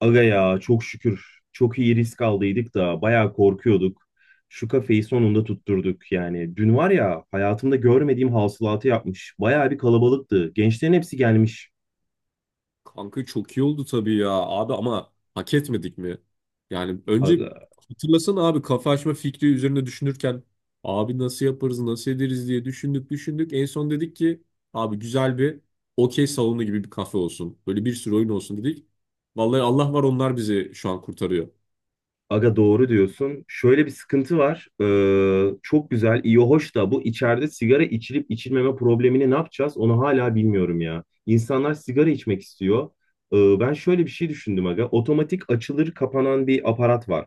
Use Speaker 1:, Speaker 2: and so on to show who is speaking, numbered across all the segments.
Speaker 1: Aga ya çok şükür çok iyi risk aldıydık da bayağı korkuyorduk. Şu kafeyi sonunda tutturduk yani. Dün var ya hayatımda görmediğim hasılatı yapmış. Bayağı bir kalabalıktı. Gençlerin hepsi gelmiş.
Speaker 2: Kanka çok iyi oldu tabii ya abi, ama hak etmedik mi? Yani önce
Speaker 1: Aga,
Speaker 2: hatırlasana abi, kafa açma fikri üzerine düşünürken abi nasıl yaparız nasıl ederiz diye düşündük düşündük. En son dedik ki abi, güzel bir okey salonu gibi bir kafe olsun. Böyle bir sürü oyun olsun dedik. Vallahi Allah var, onlar bizi şu an kurtarıyor.
Speaker 1: aga doğru diyorsun. Şöyle bir sıkıntı var. Çok güzel, iyi, hoş da bu içeride sigara içilip içilmeme problemini ne yapacağız? Onu hala bilmiyorum ya. İnsanlar sigara içmek istiyor. Ben şöyle bir şey düşündüm aga. Otomatik açılır kapanan bir aparat var.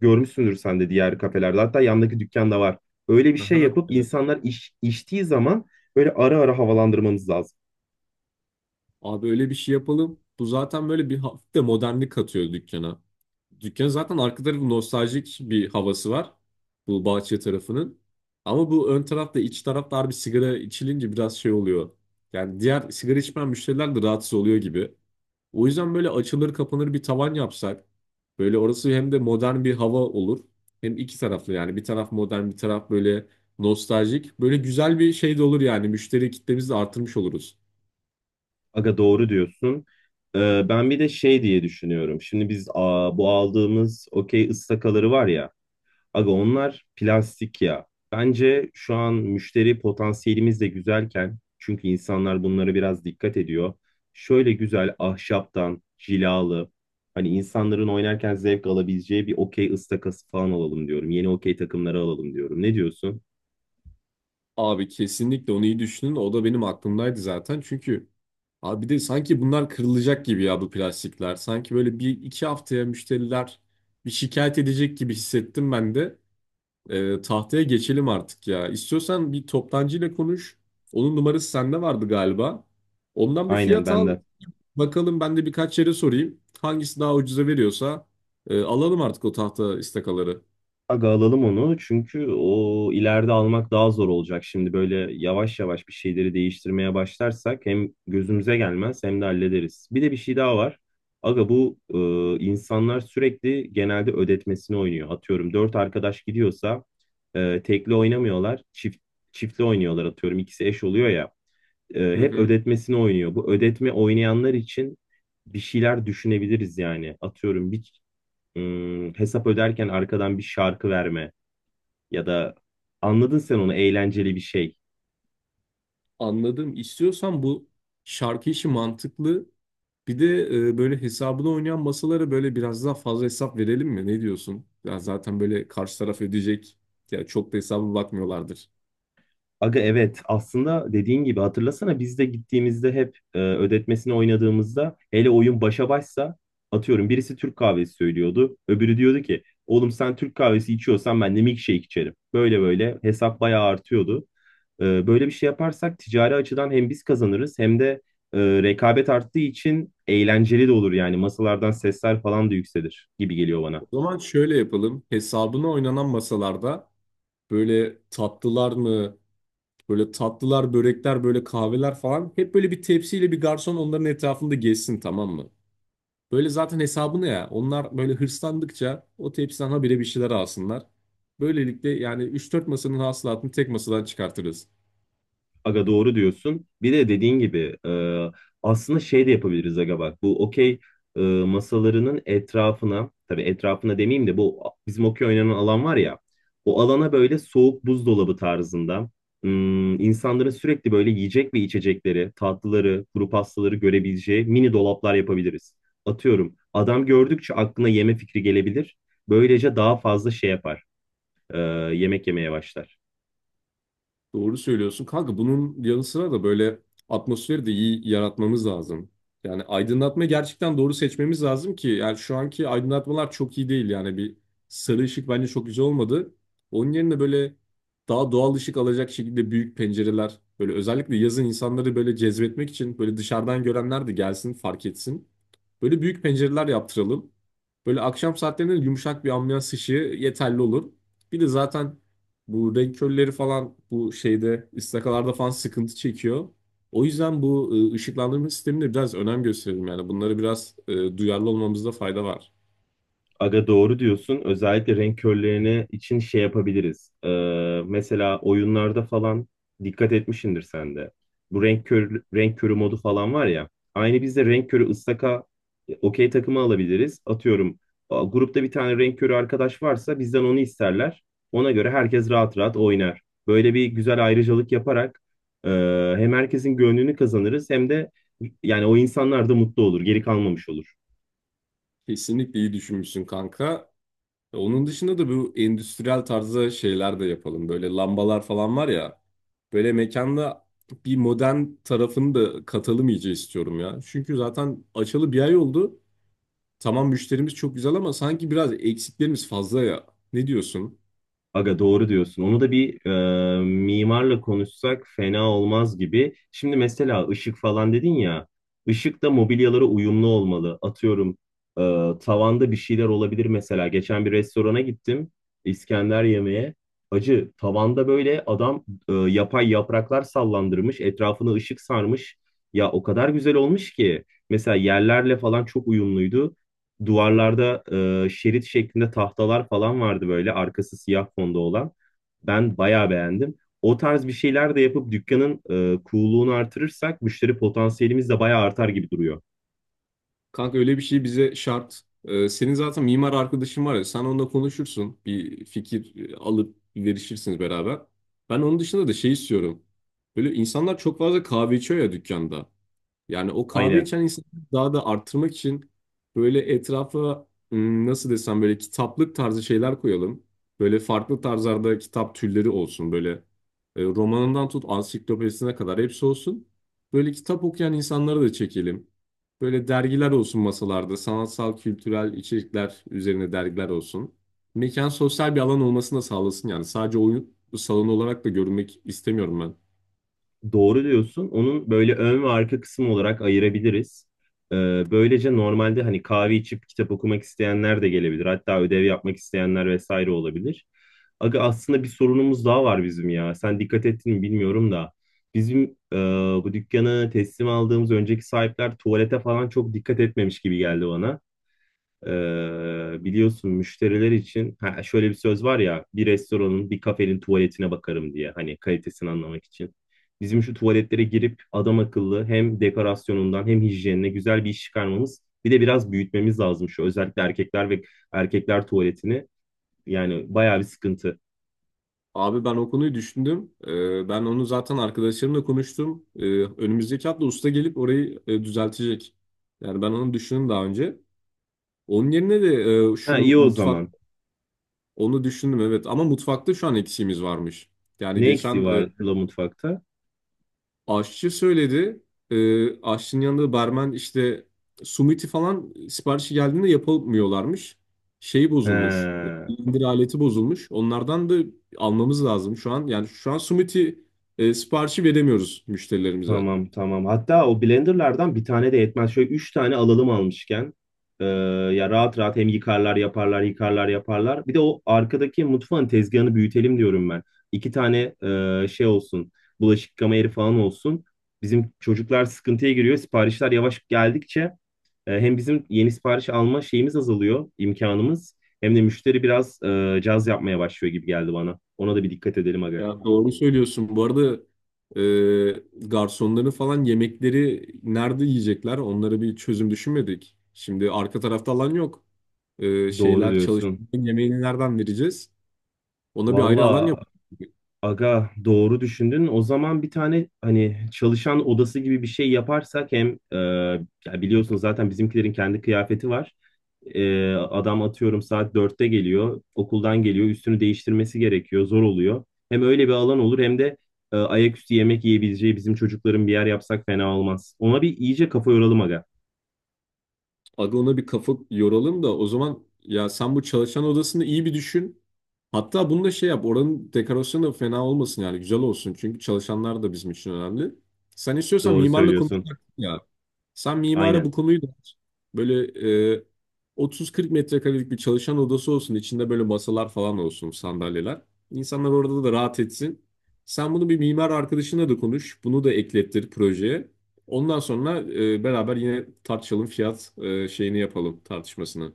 Speaker 1: Görmüşsündür sen de diğer kafelerde. Hatta yandaki dükkanda var. Öyle bir şey
Speaker 2: Aha.
Speaker 1: yapıp insanlar içtiği zaman böyle ara ara havalandırmamız lazım.
Speaker 2: Abi öyle bir şey yapalım. Bu zaten böyle bir hafif de modernlik katıyor dükkana. Dükkan zaten arka tarafı nostaljik bir havası var. Bu bahçe tarafının. Ama bu ön tarafta, iç tarafta bir sigara içilince biraz şey oluyor. Yani diğer sigara içmeyen müşteriler de rahatsız oluyor gibi. O yüzden böyle açılır kapanır bir tavan yapsak böyle orası hem de modern bir hava olur. Hem iki taraflı, yani bir taraf modern, bir taraf böyle nostaljik. Böyle güzel bir şey de olur yani, müşteri kitlemizi de artırmış oluruz.
Speaker 1: Aga doğru diyorsun. Ben bir de şey diye düşünüyorum. Şimdi biz bu aldığımız okey ıstakaları var ya. Aga onlar plastik ya. Bence şu an müşteri potansiyelimiz de güzelken çünkü insanlar bunlara biraz dikkat ediyor. Şöyle güzel ahşaptan cilalı hani insanların oynarken zevk alabileceği bir okey ıstakası falan alalım diyorum. Yeni okey takımları alalım diyorum. Ne diyorsun?
Speaker 2: Abi kesinlikle onu iyi düşünün. O da benim aklımdaydı zaten. Çünkü abi bir de sanki bunlar kırılacak gibi ya bu plastikler. Sanki böyle bir iki haftaya müşteriler bir şikayet edecek gibi hissettim ben de. Tahtaya geçelim artık ya. İstiyorsan bir toptancıyla konuş. Onun numarası sende vardı galiba. Ondan bir
Speaker 1: Aynen
Speaker 2: fiyat
Speaker 1: ben
Speaker 2: al.
Speaker 1: de.
Speaker 2: Bakalım ben de birkaç yere sorayım. Hangisi daha ucuza veriyorsa alalım artık o tahta istakaları.
Speaker 1: Aga alalım onu çünkü o ileride almak daha zor olacak. Şimdi böyle yavaş yavaş bir şeyleri değiştirmeye başlarsak hem gözümüze gelmez hem de hallederiz. Bir de bir şey daha var. Aga bu insanlar sürekli genelde ödetmesini oynuyor. Atıyorum dört arkadaş gidiyorsa tekli oynamıyorlar, çiftli oynuyorlar atıyorum. İkisi eş oluyor ya.
Speaker 2: Hı
Speaker 1: Hep
Speaker 2: hı.
Speaker 1: ödetmesini oynuyor. Bu ödetme oynayanlar için bir şeyler düşünebiliriz yani. Atıyorum bir hesap öderken arkadan bir şarkı verme ya da anladın sen onu eğlenceli bir şey.
Speaker 2: Anladım. İstiyorsan bu şarkı işi mantıklı. Bir de böyle hesabını oynayan masalara böyle biraz daha fazla hesap verelim mi? Ne diyorsun? Ya zaten böyle karşı taraf ödeyecek. Ya çok da hesaba bakmıyorlardır.
Speaker 1: Aga evet aslında dediğin gibi hatırlasana biz de gittiğimizde hep ödetmesini oynadığımızda hele oyun başa başsa atıyorum birisi Türk kahvesi söylüyordu. Öbürü diyordu ki oğlum sen Türk kahvesi içiyorsan ben de milkshake içerim. Böyle böyle hesap bayağı artıyordu. Böyle bir şey yaparsak ticari açıdan hem biz kazanırız hem de rekabet arttığı için eğlenceli de olur yani masalardan sesler falan da yükselir gibi geliyor bana.
Speaker 2: O zaman şöyle yapalım. Hesabına oynanan masalarda böyle tatlılar mı, böyle tatlılar, börekler, böyle kahveler falan hep böyle bir tepsiyle bir garson onların etrafında gezsin, tamam mı? Böyle zaten hesabını ya. Onlar böyle hırslandıkça o tepsiden habire bir şeyler alsınlar. Böylelikle yani üç dört masanın hasılatını tek masadan çıkartırız.
Speaker 1: Aga doğru diyorsun. Bir de dediğin gibi aslında şey de yapabiliriz aga bak. Bu okey masalarının etrafına tabii etrafına demeyeyim de bu bizim okey oynanan alan var ya. O alana böyle soğuk buzdolabı tarzında insanların sürekli böyle yiyecek ve içecekleri, tatlıları, kuru pastaları görebileceği mini dolaplar yapabiliriz. Atıyorum adam gördükçe aklına yeme fikri gelebilir. Böylece daha fazla şey yapar. e, Yemek yemeye başlar.
Speaker 2: Doğru söylüyorsun. Kanka bunun yanı sıra da böyle atmosferi de iyi yaratmamız lazım. Yani aydınlatma gerçekten doğru seçmemiz lazım ki, yani şu anki aydınlatmalar çok iyi değil yani, bir sarı ışık bence çok güzel olmadı. Onun yerine böyle daha doğal ışık alacak şekilde büyük pencereler, böyle özellikle yazın insanları böyle cezbetmek için, böyle dışarıdan görenler de gelsin, fark etsin. Böyle büyük pencereler yaptıralım. Böyle akşam saatlerinde yumuşak bir ambiyans ışığı yeterli olur. Bir de zaten bu renk körleri falan bu şeyde, istakalarda falan sıkıntı çekiyor. O yüzden bu ışıklandırma sistemine biraz önem gösterelim yani. Bunları biraz duyarlı olmamızda fayda var.
Speaker 1: Aga doğru diyorsun. Özellikle renk körlerine için şey yapabiliriz. Mesela oyunlarda falan dikkat etmişsindir sen de. Bu renk körü, renk körü modu falan var ya. Aynı biz de renk körü ıstaka okey takımı alabiliriz. Atıyorum grupta bir tane renk körü arkadaş varsa bizden onu isterler. Ona göre herkes rahat rahat oynar. Böyle bir güzel ayrıcalık yaparak e, hem herkesin gönlünü kazanırız hem de yani o insanlar da mutlu olur, geri kalmamış olur.
Speaker 2: Kesinlikle iyi düşünmüşsün kanka. Onun dışında da bu endüstriyel tarzda şeyler de yapalım. Böyle lambalar falan var ya. Böyle mekanda bir modern tarafını da katalım iyice, istiyorum ya. Çünkü zaten açalı bir ay oldu. Tamam müşterimiz çok güzel, ama sanki biraz eksiklerimiz fazla ya. Ne diyorsun?
Speaker 1: Aga doğru diyorsun. Onu da bir mimarla konuşsak fena olmaz gibi. Şimdi mesela ışık falan dedin ya. Işık da mobilyalara uyumlu olmalı. Atıyorum e, tavanda bir şeyler olabilir mesela. Geçen bir restorana gittim. İskender yemeğe. Acı tavanda böyle adam yapay yapraklar sallandırmış. Etrafını ışık sarmış. Ya o kadar güzel olmuş ki. Mesela yerlerle falan çok uyumluydu. Duvarlarda şerit şeklinde tahtalar falan vardı böyle arkası siyah fonda olan. Ben bayağı beğendim. O tarz bir şeyler de yapıp dükkanın cool'luğunu artırırsak müşteri potansiyelimiz de bayağı artar gibi duruyor.
Speaker 2: Kanka öyle bir şey bize şart. Senin zaten mimar arkadaşın var ya, sen onunla konuşursun. Bir fikir alıp verişirsiniz beraber. Ben onun dışında da şey istiyorum. Böyle insanlar çok fazla kahve içiyor ya dükkanda. Yani o kahve
Speaker 1: Aynen.
Speaker 2: içen insanları daha da arttırmak için böyle etrafa nasıl desem böyle kitaplık tarzı şeyler koyalım. Böyle farklı tarzlarda kitap türleri olsun. Böyle romanından tut ansiklopedisine kadar hepsi olsun. Böyle kitap okuyan insanları da çekelim. Böyle dergiler olsun masalarda. Sanatsal, kültürel içerikler üzerine dergiler olsun. Mekan sosyal bir alan olmasını da sağlasın yani. Sadece oyun salonu olarak da görünmek istemiyorum ben.
Speaker 1: Doğru diyorsun. Onun böyle ön ve arka kısım olarak ayırabiliriz. Ee, Böylece normalde hani kahve içip kitap okumak isteyenler de gelebilir. Hatta ödev yapmak isteyenler vesaire olabilir. Aga aslında bir sorunumuz daha var bizim ya. Sen dikkat ettin mi bilmiyorum da. Bizim e, bu dükkanı teslim aldığımız önceki sahipler tuvalete falan çok dikkat etmemiş gibi geldi bana. Ee, Biliyorsun müşteriler için şöyle bir söz var ya bir restoranın bir kafenin tuvaletine bakarım diye hani kalitesini anlamak için. Bizim şu tuvaletlere girip adam akıllı hem dekorasyonundan hem hijyenine güzel bir iş çıkarmamız bir de biraz büyütmemiz lazım şu özellikle erkekler tuvaletini yani bayağı bir sıkıntı.
Speaker 2: Abi ben o konuyu düşündüm. Ben onu zaten arkadaşlarımla konuştum. Önümüzdeki hafta usta gelip orayı düzeltecek. Yani ben onu düşündüm daha önce. Onun yerine de
Speaker 1: Ha
Speaker 2: şu
Speaker 1: iyi o
Speaker 2: mutfak
Speaker 1: zaman.
Speaker 2: onu düşündüm, evet, ama mutfakta şu an eksiğimiz varmış. Yani
Speaker 1: Ne eksiği
Speaker 2: geçen
Speaker 1: var la mutfakta?
Speaker 2: aşçı söyledi. Aşçının yanında barmen işte sumiti falan siparişi geldiğinde yapamıyorlarmış. Şeyi bozulmuş. O
Speaker 1: He.
Speaker 2: indir aleti bozulmuş. Onlardan da almamız lazım şu an. Yani şu an sumiti siparişi veremiyoruz müşterilerimize.
Speaker 1: Tamam tamam. Hatta o blenderlardan bir tane de yetmez. Şöyle üç tane alalım almışken. Ee, Ya rahat rahat hem yıkarlar yaparlar yıkarlar yaparlar. Bir de o arkadaki mutfağın tezgahını büyütelim diyorum ben. İki tane şey olsun. Bulaşık yıkama yeri falan olsun. Bizim çocuklar sıkıntıya giriyor. Siparişler yavaş geldikçe hem bizim yeni sipariş alma şeyimiz azalıyor, imkanımız. Hem de müşteri biraz caz yapmaya başlıyor gibi geldi bana. Ona da bir dikkat edelim aga.
Speaker 2: Ya doğru söylüyorsun. Bu arada garsonların falan yemekleri nerede yiyecekler? Onlara bir çözüm düşünmedik. Şimdi arka tarafta alan yok.
Speaker 1: Doğru
Speaker 2: Şeyler,
Speaker 1: diyorsun.
Speaker 2: çalışanların yemeğini nereden vereceğiz? Ona bir ayrı alan
Speaker 1: Valla
Speaker 2: yapalım.
Speaker 1: aga doğru düşündün. O zaman bir tane hani çalışan odası gibi bir şey yaparsak hem ya biliyorsun zaten bizimkilerin kendi kıyafeti var. Adam atıyorum saat 4'te geliyor, okuldan geliyor, üstünü değiştirmesi gerekiyor, zor oluyor. Hem öyle bir alan olur hem de ayaküstü yemek yiyebileceği bizim çocukların bir yer yapsak fena olmaz. Ona bir iyice kafa yoralım aga.
Speaker 2: Aga ona bir kafa yoralım da o zaman ya, sen bu çalışan odasını iyi bir düşün. Hatta bunu da şey yap, oranın dekorasyonu da fena olmasın, yani güzel olsun. Çünkü çalışanlar da bizim için önemli. Sen istiyorsan
Speaker 1: Doğru
Speaker 2: mimarla konuş
Speaker 1: söylüyorsun.
Speaker 2: ya. Sen mimara bu
Speaker 1: Aynen.
Speaker 2: konuyu da aç. Böyle 30-40 metrekarelik bir çalışan odası olsun. İçinde böyle masalar falan olsun, sandalyeler. İnsanlar orada da rahat etsin. Sen bunu bir mimar arkadaşına da konuş. Bunu da eklettir projeye. Ondan sonra beraber yine tartışalım, fiyat şeyini yapalım, tartışmasını.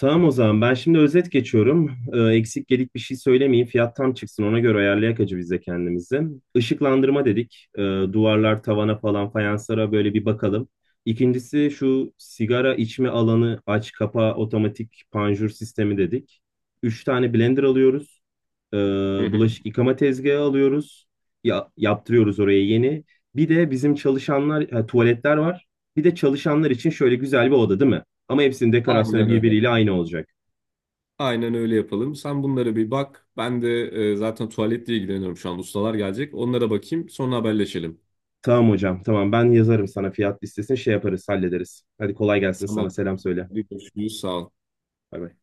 Speaker 1: Tamam o zaman ben şimdi özet geçiyorum. Eksik gedik bir şey söylemeyeyim. Fiyat tam çıksın ona göre ayarlayak acı biz de kendimizi. Işıklandırma dedik. Duvarlar, tavana falan fayanslara böyle bir bakalım. İkincisi şu sigara içme alanı aç kapa otomatik panjur sistemi dedik. Üç tane blender alıyoruz. Ee,
Speaker 2: Hı hı.
Speaker 1: Bulaşık yıkama tezgahı alıyoruz. Ya, yaptırıyoruz oraya yeni. Bir de bizim çalışanlar, tuvaletler var. Bir de çalışanlar için şöyle güzel bir oda değil mi? Ama hepsinin dekorasyonu
Speaker 2: Aynen öyle.
Speaker 1: birbiriyle aynı olacak.
Speaker 2: Aynen öyle yapalım. Sen bunlara bir bak. Ben de zaten tuvaletle ilgileniyorum şu an. Ustalar gelecek. Onlara bakayım. Sonra haberleşelim.
Speaker 1: Tamam hocam, tamam ben yazarım sana fiyat listesini şey yaparız, hallederiz. Hadi kolay gelsin sana,
Speaker 2: Tamam.
Speaker 1: selam söyle.
Speaker 2: Hadi görüşürüz. Sağ ol.
Speaker 1: Bay bay.